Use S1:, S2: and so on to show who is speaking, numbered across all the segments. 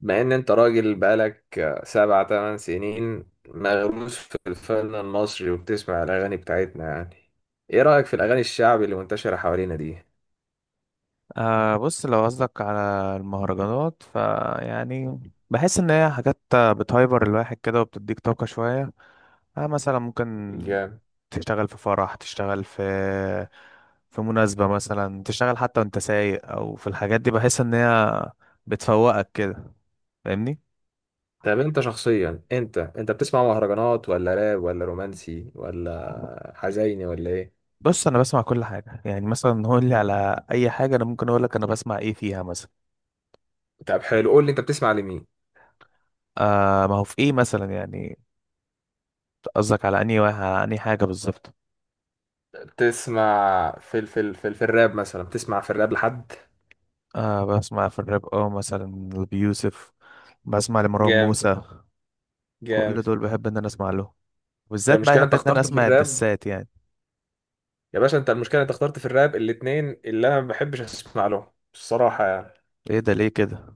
S1: مع ان انت راجل بقالك سبع تمن سنين مغروس في الفن المصري وبتسمع الاغاني بتاعتنا، يعني ايه رأيك في الاغاني الشعبي اللي منتشرة حوالينا دي؟
S2: آه بص، لو قصدك على المهرجانات فيعني بحس ان هي حاجات بتهايبر الواحد كده وبتديك طاقة شوية. آه مثلا ممكن
S1: جامد.
S2: تشتغل في فرح، تشتغل في مناسبة مثلا، تشتغل حتى وانت سايق او في الحاجات دي، بحس ان هي بتفوقك كده. فاهمني؟
S1: طب انت شخصيا انت بتسمع مهرجانات ولا راب ولا رومانسي ولا حزيني ولا ايه؟
S2: بص انا بسمع كل حاجة، يعني مثلا قول لي على اي حاجة انا ممكن اقول لك انا بسمع ايه فيها مثلا.
S1: طب حلو، قول لي انت بتسمع لمين.
S2: آه ما هو في ايه مثلا، يعني قصدك على على انهي حاجة بالظبط؟
S1: بتسمع في الراب مثلا، بتسمع في الراب لحد؟
S2: آه بسمع في الراب، اه مثلا، لأبي يوسف، بسمع لمروان
S1: جامد،
S2: موسى. كل
S1: جامد.
S2: دول بحب ان انا اسمع لهم،
S1: انت
S2: بالذات بقى
S1: المشكلة
S2: بحب
S1: انت
S2: ان انا
S1: اخترت في
S2: اسمع
S1: الراب.
S2: الدسات يعني.
S1: يا باشا، انت المشكله انت اخترت في الراب الاتنين اللي انا ما بحبش اسمع لهم الصراحه يعني.
S2: ايه ده ليه كده؟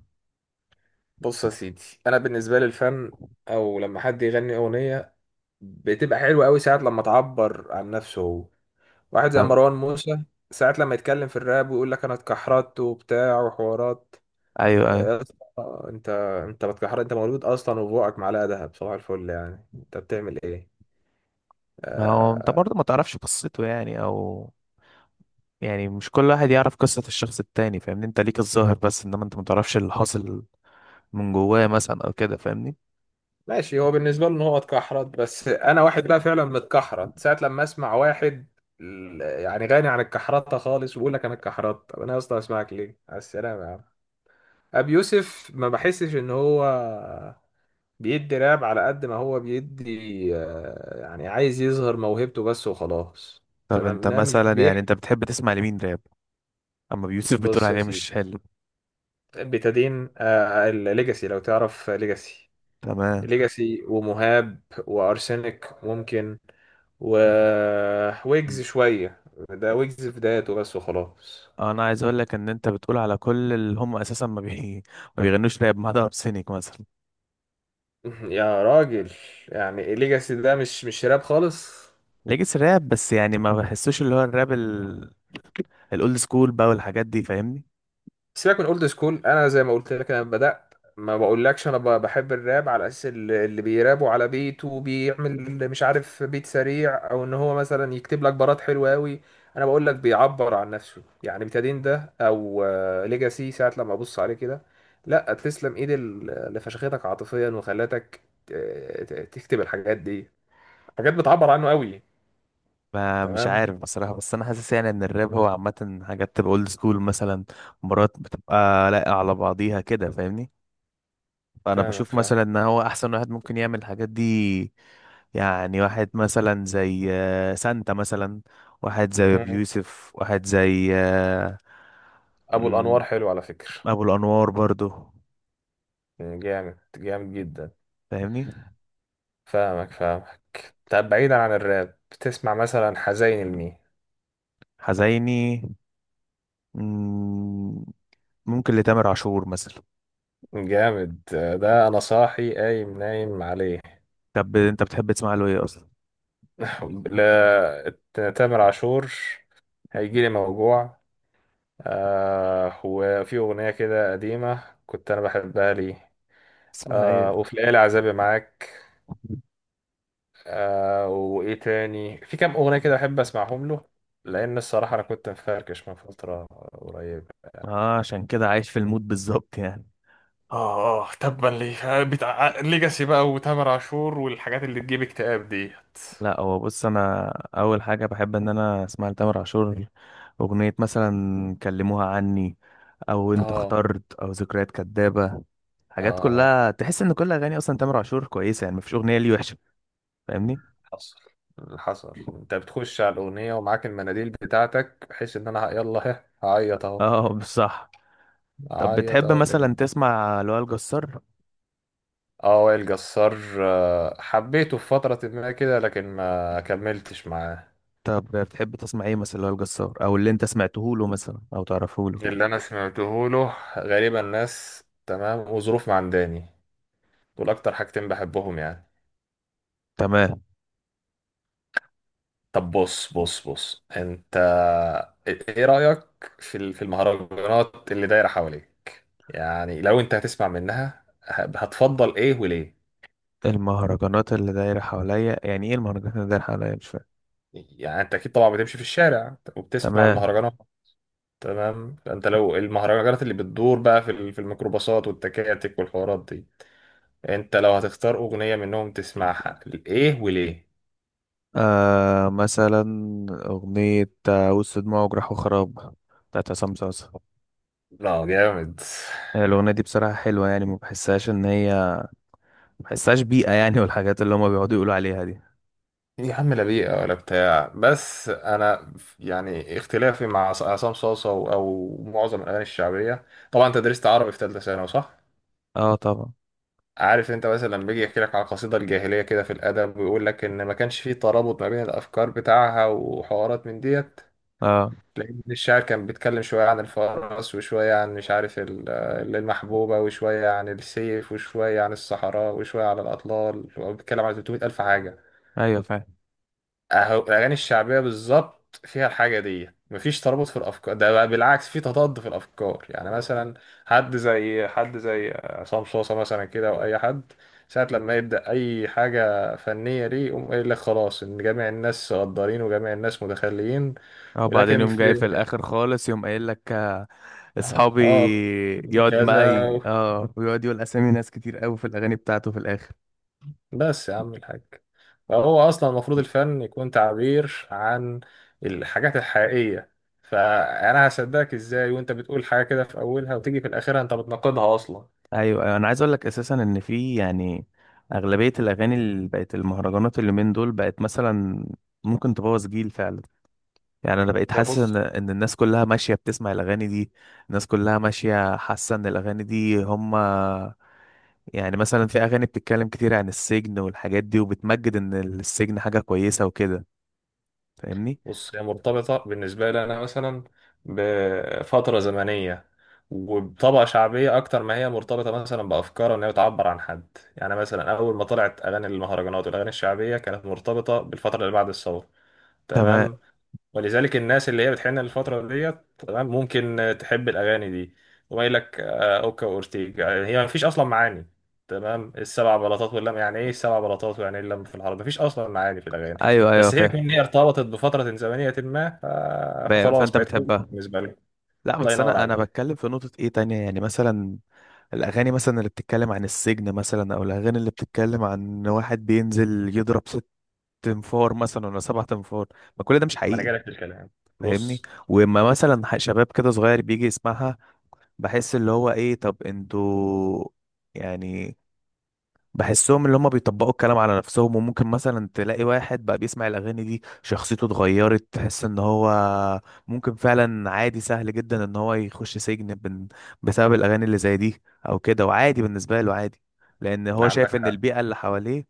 S1: بص يا سيدي، انا بالنسبه لي الفن او لما حد يغني اغنيه بتبقى حلوه قوي ساعات لما تعبر عن نفسه هو. واحد زي
S2: طب،
S1: مروان موسى ساعات لما يتكلم في الراب ويقول لك انا اتكحرت وبتاع وحوارات.
S2: ايوه ايوه،
S1: يا اسطى، انت بتكحرت؟ انت مولود اصلا وبوقك معلقه دهب، صباح الفل، يعني انت بتعمل ايه؟
S2: ما هو انت برضه ما تعرفش قصته يعني، او يعني مش كل واحد يعرف قصة الشخص التاني. فاهمني؟ انت ليك الظاهر بس، انما انت ما تعرفش اللي حاصل من جواه مثلا او كده. فاهمني؟
S1: ماشي، هو بالنسبة له ان هو اتكحرت، بس انا واحد بقى فعلا متكحرت ساعة لما اسمع واحد يعني غني عن الكحرطة خالص ويقول لك انا اتكحرت، طب انا اصلا اسمعك ليه؟ على السلامة يا عم. ابي يوسف ما بحسش ان هو بيدي راب على قد ما هو بيدي، يعني عايز يظهر موهبته بس وخلاص.
S2: طب
S1: تمام،
S2: انت
S1: انا مش
S2: مثلا، يعني
S1: بيحكي.
S2: انت بتحب تسمع لمين راب؟ اما بيوسف بتقول
S1: بص يا
S2: عليه مش
S1: سيدي،
S2: حلو؟
S1: بتدين الليجاسي لو تعرف ليجاسي.
S2: تمام.
S1: ليجاسي ومهاب وارسنال ممكن، و
S2: مم.
S1: ويجز شوية. ده ويجز في بدايته بس وخلاص.
S2: انا عايز اقول لك ان انت بتقول على كل اللي هم اساسا ما بي... ما بيغنوش راب، ما عدا ارسينيك مثلا.
S1: يا راجل، يعني ليجاسي ده مش راب خالص.
S2: ليجيس راب بس، يعني ما بحسوش اللي هو الراب الاولد سكول بقى والحاجات دي. فاهمني؟
S1: سيبك من اولد سكول، انا زي ما قلت لك انا بدات ما بقولكش انا بحب الراب على اساس اللي بيرابوا على بيت وبيعمل مش عارف بيت سريع او ان هو مثلا يكتب لك بارات حلوه قوي. انا بقول لك بيعبر عن نفسه يعني، بتادين ده او ليجاسي ساعه لما ابص عليه كده، لا تسلم ايد اللي فشختك عاطفيا وخلتك ت- تكتب الحاجات دي، حاجات بتعبر عنه قوي.
S2: ما مش
S1: تمام.
S2: عارف بصراحة، بس انا حاسس يعني ان الراب هو عامة حاجات بتبقى اولد سكول مثلا، مرات بتبقى لاققة على بعضيها كده. فاهمني؟ فانا
S1: فاهمك
S2: بشوف
S1: فاهم.
S2: مثلا ان هو احسن واحد ممكن يعمل الحاجات دي. يعني واحد مثلا زي سانتا مثلا، واحد زي ابو
S1: مم.
S2: يوسف، واحد زي
S1: ابو الانوار
S2: مم،
S1: حلو على فكره،
S2: ابو الانوار برضو.
S1: يعني جامد، جامد جدا.
S2: فاهمني؟
S1: فاهمك فاهمك. طب بعيدا عن الراب بتسمع مثلا حزين لمين؟
S2: حزيني، مم، ممكن لتامر عاشور مثلا.
S1: جامد، ده انا صاحي قايم نايم عليه.
S2: طب انت بتحب تسمع له ايه اصلا؟
S1: لا، تامر عاشور هيجيلي موجوع. آه، وفي اغنيه كده قديمه كنت انا بحبها لي.
S2: اسمها
S1: آه،
S2: ايه؟
S1: وفي الليالي عذابي معاك. آه، وايه تاني، في كام اغنيه كده بحب اسمعهم له، لان الصراحه انا كنت مفركش من فتره قريبه.
S2: اه عشان كده عايش في المود بالظبط يعني.
S1: اه اه، تبا ليه بتاع ليجاسي بقى وتامر عاشور والحاجات اللي تجيب اكتئاب ديت.
S2: لا هو بص انا، اول حاجه بحب ان انا اسمع لتامر عاشور اغنيه مثلا كلموها عني، او انت
S1: اه.
S2: اخترت، او ذكريات كدابه. حاجات
S1: لا.
S2: كلها تحس ان كل اغاني اصلا تامر عاشور كويسه، يعني مفيش اغنيه ليه وحشه. فاهمني؟
S1: حصل، حصل، انت بتخش على الاغنيه ومعاك المناديل بتاعتك بحيث ان انا يلا ها هعيط اهو،
S2: اه بصح. طب
S1: هعيط
S2: بتحب
S1: اهو،
S2: مثلا
S1: تمام.
S2: تسمع لوائل جسار؟
S1: اه وائل جسار، حبيته في فتره ما كده لكن ما كملتش معاه.
S2: طب بتحب تسمع ايه مثلا لوائل جسار، او اللي انت سمعته له مثلا او تعرفه له؟
S1: اللي انا سمعته له غالبا ناس تمام وظروف معنداني، دول اكتر حاجتين بحبهم يعني.
S2: تمام.
S1: طب بص، بص انت إيه رأيك في المهرجانات اللي دايرة حواليك؟ يعني لو انت هتسمع منها هتفضل ايه وليه؟
S2: المهرجانات اللي دايره حواليا، يعني ايه المهرجانات اللي دايره حواليا مش؟
S1: يعني انت اكيد طبعا بتمشي في الشارع وبتسمع
S2: تمام.
S1: المهرجانات. تمام، فانت لو المهرجانات اللي بتدور بقى في الميكروباصات والتكاتك والحوارات دي، انت لو هتختار اغنية منهم تسمعها، ايه وليه؟
S2: آه مثلا أغنية وسط دموع وجراح وخراب، بتاعت عصام صاصا.
S1: لا جامد.
S2: الأغنية دي بصراحة حلوة، يعني ما بحسهاش إن هي ما بحسهاش بيئة يعني، والحاجات اللي هما بيقعدوا يقولوا عليها دي.
S1: يا عم لا بيئة ولا بتاع، بس أنا يعني اختلافي مع عصام صاصة أو معظم الأغاني الشعبية. طبعا أنت درست عربي في تالتة ثانوي صح؟
S2: اه طبعا.
S1: عارف أنت مثلا لما بيجي يحكي لك على القصيدة الجاهلية كده في الأدب ويقول لك إن ما كانش فيه ترابط ما بين الأفكار بتاعها وحوارات من ديت.
S2: اه
S1: لأن الشاعر كان بيتكلم شوية عن الفرس وشوية عن مش عارف المحبوبة وشوية عن السيف وشوية عن الصحراء وشوية عن الأطلال وبيتكلم عن 300 ألف حاجة.
S2: ايوه فاهم.
S1: اهو الاغاني الشعبيه بالظبط فيها الحاجه دي، مفيش ترابط في الافكار، ده بقى بالعكس في تضاد في الافكار. يعني مثلا حد زي عصام صوصه مثلا كده او اي حد ساعه لما يبدا اي حاجه فنيه ليه يقوم قايل لك خلاص ان جميع الناس غدارين وجميع الناس متخليين
S2: اه بعدين
S1: ولكن
S2: يوم
S1: في.
S2: جاي في الآخر خالص يوم قايل لك أصحابي
S1: اه.
S2: يقعد
S1: كذا.
S2: معي، اه، ويقعد يقول أسامي ناس كتير قوي في الأغاني بتاعته في الآخر.
S1: بس يا عم الحاج، فهو اصلا المفروض الفن يكون تعبير عن الحاجات الحقيقيه. فانا هصدقك ازاي وانت بتقول حاجه كده في اولها وتيجي في الاخير انت بتناقضها اصلا؟
S2: ايوه ايوه، انا عايز اقول لك اساسا ان في يعني اغلبيه الاغاني اللي بقت المهرجانات اللي من دول بقت مثلا ممكن تبوظ جيل فعلا. يعني انا بقيت
S1: هي
S2: حاسس ان
S1: بص،
S2: ان الناس كلها ماشيه بتسمع الاغاني دي. الناس كلها ماشيه حاسه ان الاغاني دي هم، يعني مثلا في اغاني بتتكلم كتير عن السجن والحاجات دي وبتمجد ان السجن حاجه كويسه وكده. فاهمني؟
S1: هي مرتبطه بالنسبه لي انا مثلا بفتره زمنيه وبطبقه شعبيه اكتر ما هي مرتبطه مثلا بافكار ان هي بتعبر عن حد. يعني مثلا اول ما طلعت اغاني المهرجانات والاغاني الشعبيه كانت مرتبطه بالفتره اللي بعد الثوره.
S2: تمام،
S1: تمام، ولذلك الناس اللي هي بتحن الفترة ديت تمام ممكن تحب الأغاني دي. وما يقول لك أوكا وأورتيجا يعني هي ما فيش أصلا معاني. تمام السبع بلاطات واللم، يعني إيه السبع بلاطات ويعني إيه اللم في العرب، ما فيش أصلا معاني في الأغاني.
S2: ايوه ايوه
S1: بس هي
S2: فاهم.
S1: كمان هي ارتبطت بفترة زمنية ما فخلاص
S2: فانت
S1: بقت حلوة
S2: بتحبها؟
S1: بالنسبة لك.
S2: لا
S1: الله
S2: بس
S1: ينور
S2: انا
S1: عليك.
S2: بتكلم في نقطه ايه تانية، يعني مثلا الأغاني مثلا اللي بتتكلم عن السجن مثلا، أو الأغاني اللي بتتكلم عن إن واحد بينزل يضرب ست تنفار مثلا ولا سبع تنفار. ما كل ده مش
S1: ما أنا جاي
S2: حقيقي.
S1: لك في الكلام.
S2: فاهمني؟
S1: بص.
S2: وإما مثلا شباب كده صغير بيجي يسمعها، بحس اللي هو إيه طب انتوا يعني. بحسهم اللي هم بيطبقوا الكلام على نفسهم، وممكن مثلا تلاقي واحد بقى بيسمع الأغاني دي شخصيته اتغيرت، تحس ان هو ممكن فعلا عادي سهل جدا ان هو يخش سجن بسبب الأغاني اللي زي دي او كده. وعادي بالنسبة له عادي، لأن هو شايف
S1: عندك
S2: ان
S1: حق.
S2: البيئة اللي حواليه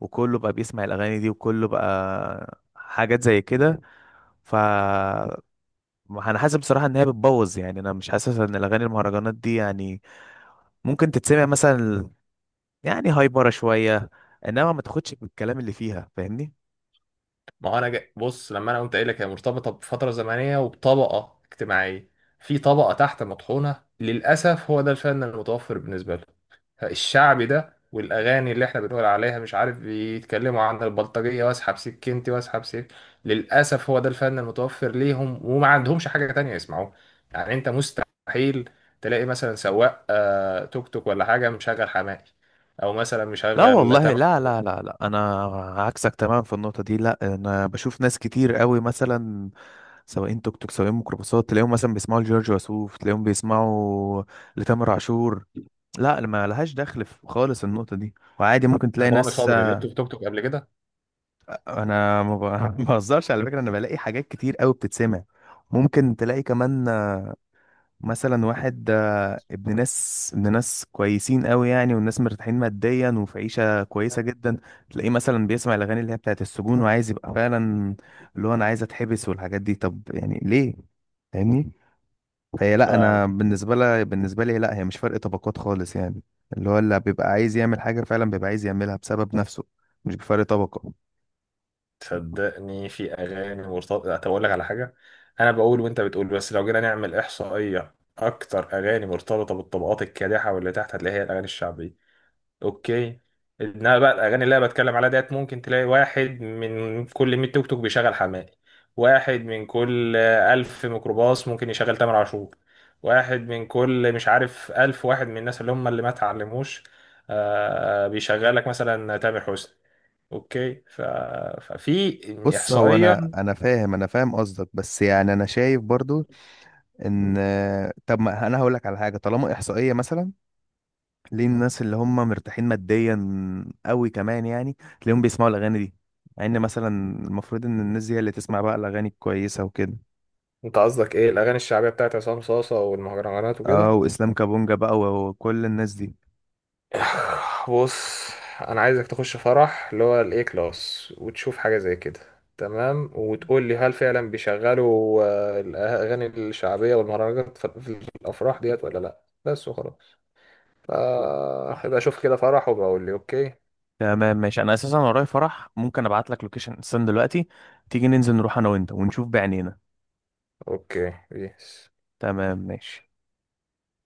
S2: وكله بقى بيسمع الأغاني دي وكله بقى حاجات زي كده. ف، انا حاسس بصراحة ان هي بتبوظ. يعني انا مش حاسس ان الأغاني المهرجانات دي يعني ممكن تتسمع مثلا، يعني هايبره شويه، انما ما تاخدش بالكلام اللي فيها. فاهمني؟
S1: ما هو انا بص لما انا قلت قايل لك هي مرتبطه بفتره زمنيه وبطبقه اجتماعيه. في طبقه تحت مطحونه، للاسف هو ده الفن المتوفر بالنسبه له، الشعبي ده، والاغاني اللي احنا بنقول عليها مش عارف بيتكلموا عن البلطجيه واسحب سكينتي واسحب سك. للاسف هو ده الفن المتوفر ليهم وما عندهمش حاجه تانية يسمعوها. يعني انت مستحيل تلاقي مثلا سواق توك توك ولا حاجه مشغل حماقي او مثلا
S2: لا
S1: مشغل
S2: والله،
S1: تامر.
S2: لا لا لا لا، انا عكسك تماما في النقطه دي. لا انا بشوف ناس كتير قوي مثلا سواقين توك توك، سواقين ميكروباصات، تلاقيهم مثلا بيسمعوا لجورج وسوف، تلاقيهم بيسمعوا لتامر عاشور. لا ما لهاش دخل في خالص النقطه دي. وعادي ممكن تلاقي
S1: طب رامي
S2: ناس.
S1: صبري لقيته في توك توك قبل
S2: انا ما ب- ما بهزرش على فكره، انا بلاقي حاجات كتير قوي بتتسمع. ممكن تلاقي كمان مثلا واحد ابن ناس، ابن ناس كويسين قوي يعني، والناس مرتاحين ماديا وفي عيشة كويسة جدا، تلاقيه مثلا بيسمع الأغاني اللي هي بتاعت السجون وعايز يبقى فعلا اللي هو أنا عايز أتحبس والحاجات دي. طب يعني ليه؟ فاهمني؟ فهي لا،
S1: كده.
S2: أنا بالنسبة لي، لا هي مش فرق طبقات خالص يعني. اللي هو اللي بيبقى عايز يعمل حاجة فعلا بيبقى عايز يعملها بسبب نفسه، مش بفرق طبقة.
S1: صدقني في اغاني مرتبطه. طب اقول لك على حاجه، انا بقول وانت بتقول، بس لو جينا نعمل احصائيه اكتر اغاني مرتبطه بالطبقات الكادحه واللي تحت هتلاقي هي الاغاني الشعبيه. اوكي، انما بقى الاغاني اللي انا بتكلم عليها ديت ممكن تلاقي واحد من كل 100 توك توك بيشغل حماقي، واحد من كل 1000 ميكروباص ممكن يشغل تامر عاشور، واحد من كل مش عارف 1000 واحد من الناس اللي هم اللي ما اتعلموش بيشغلك مثلا تامر حسني. اوكي ففي
S2: بص هو انا
S1: احصائيا.
S2: انا فاهم، انا فاهم قصدك، بس يعني انا شايف برضو ان، طب ما انا هقول لك على حاجه، طالما احصائيه مثلا، ليه الناس اللي هم مرتاحين ماديا قوي كمان يعني تلاقيهم بيسمعوا الاغاني دي؟ مع ان مثلا المفروض ان الناس دي هي اللي تسمع بقى الاغاني الكويسه وكده.
S1: انت قصدك ايه، الاغاني الشعبيه بتاعت عصام صاصه والمهرجانات
S2: اه،
S1: وكده؟
S2: واسلام كابونجا بقى وكل الناس دي.
S1: بص، انا عايزك تخش فرح اللي هو الاي كلاس وتشوف حاجه زي كده. تمام، وتقول لي هل فعلا بيشغلوا الاغاني الشعبيه والمهرجانات في في الافراح ديت ولا لا، بس وخلاص. هبقى اشوف كده فرح وبقول لي اوكي.
S2: تمام ماشي، انا اساسا ورايا فرح، ممكن ابعت لك لوكيشن. استنى دلوقتي، تيجي ننزل نروح انا وانت ونشوف بعينينا.
S1: اوكي بيس.
S2: تمام ماشي.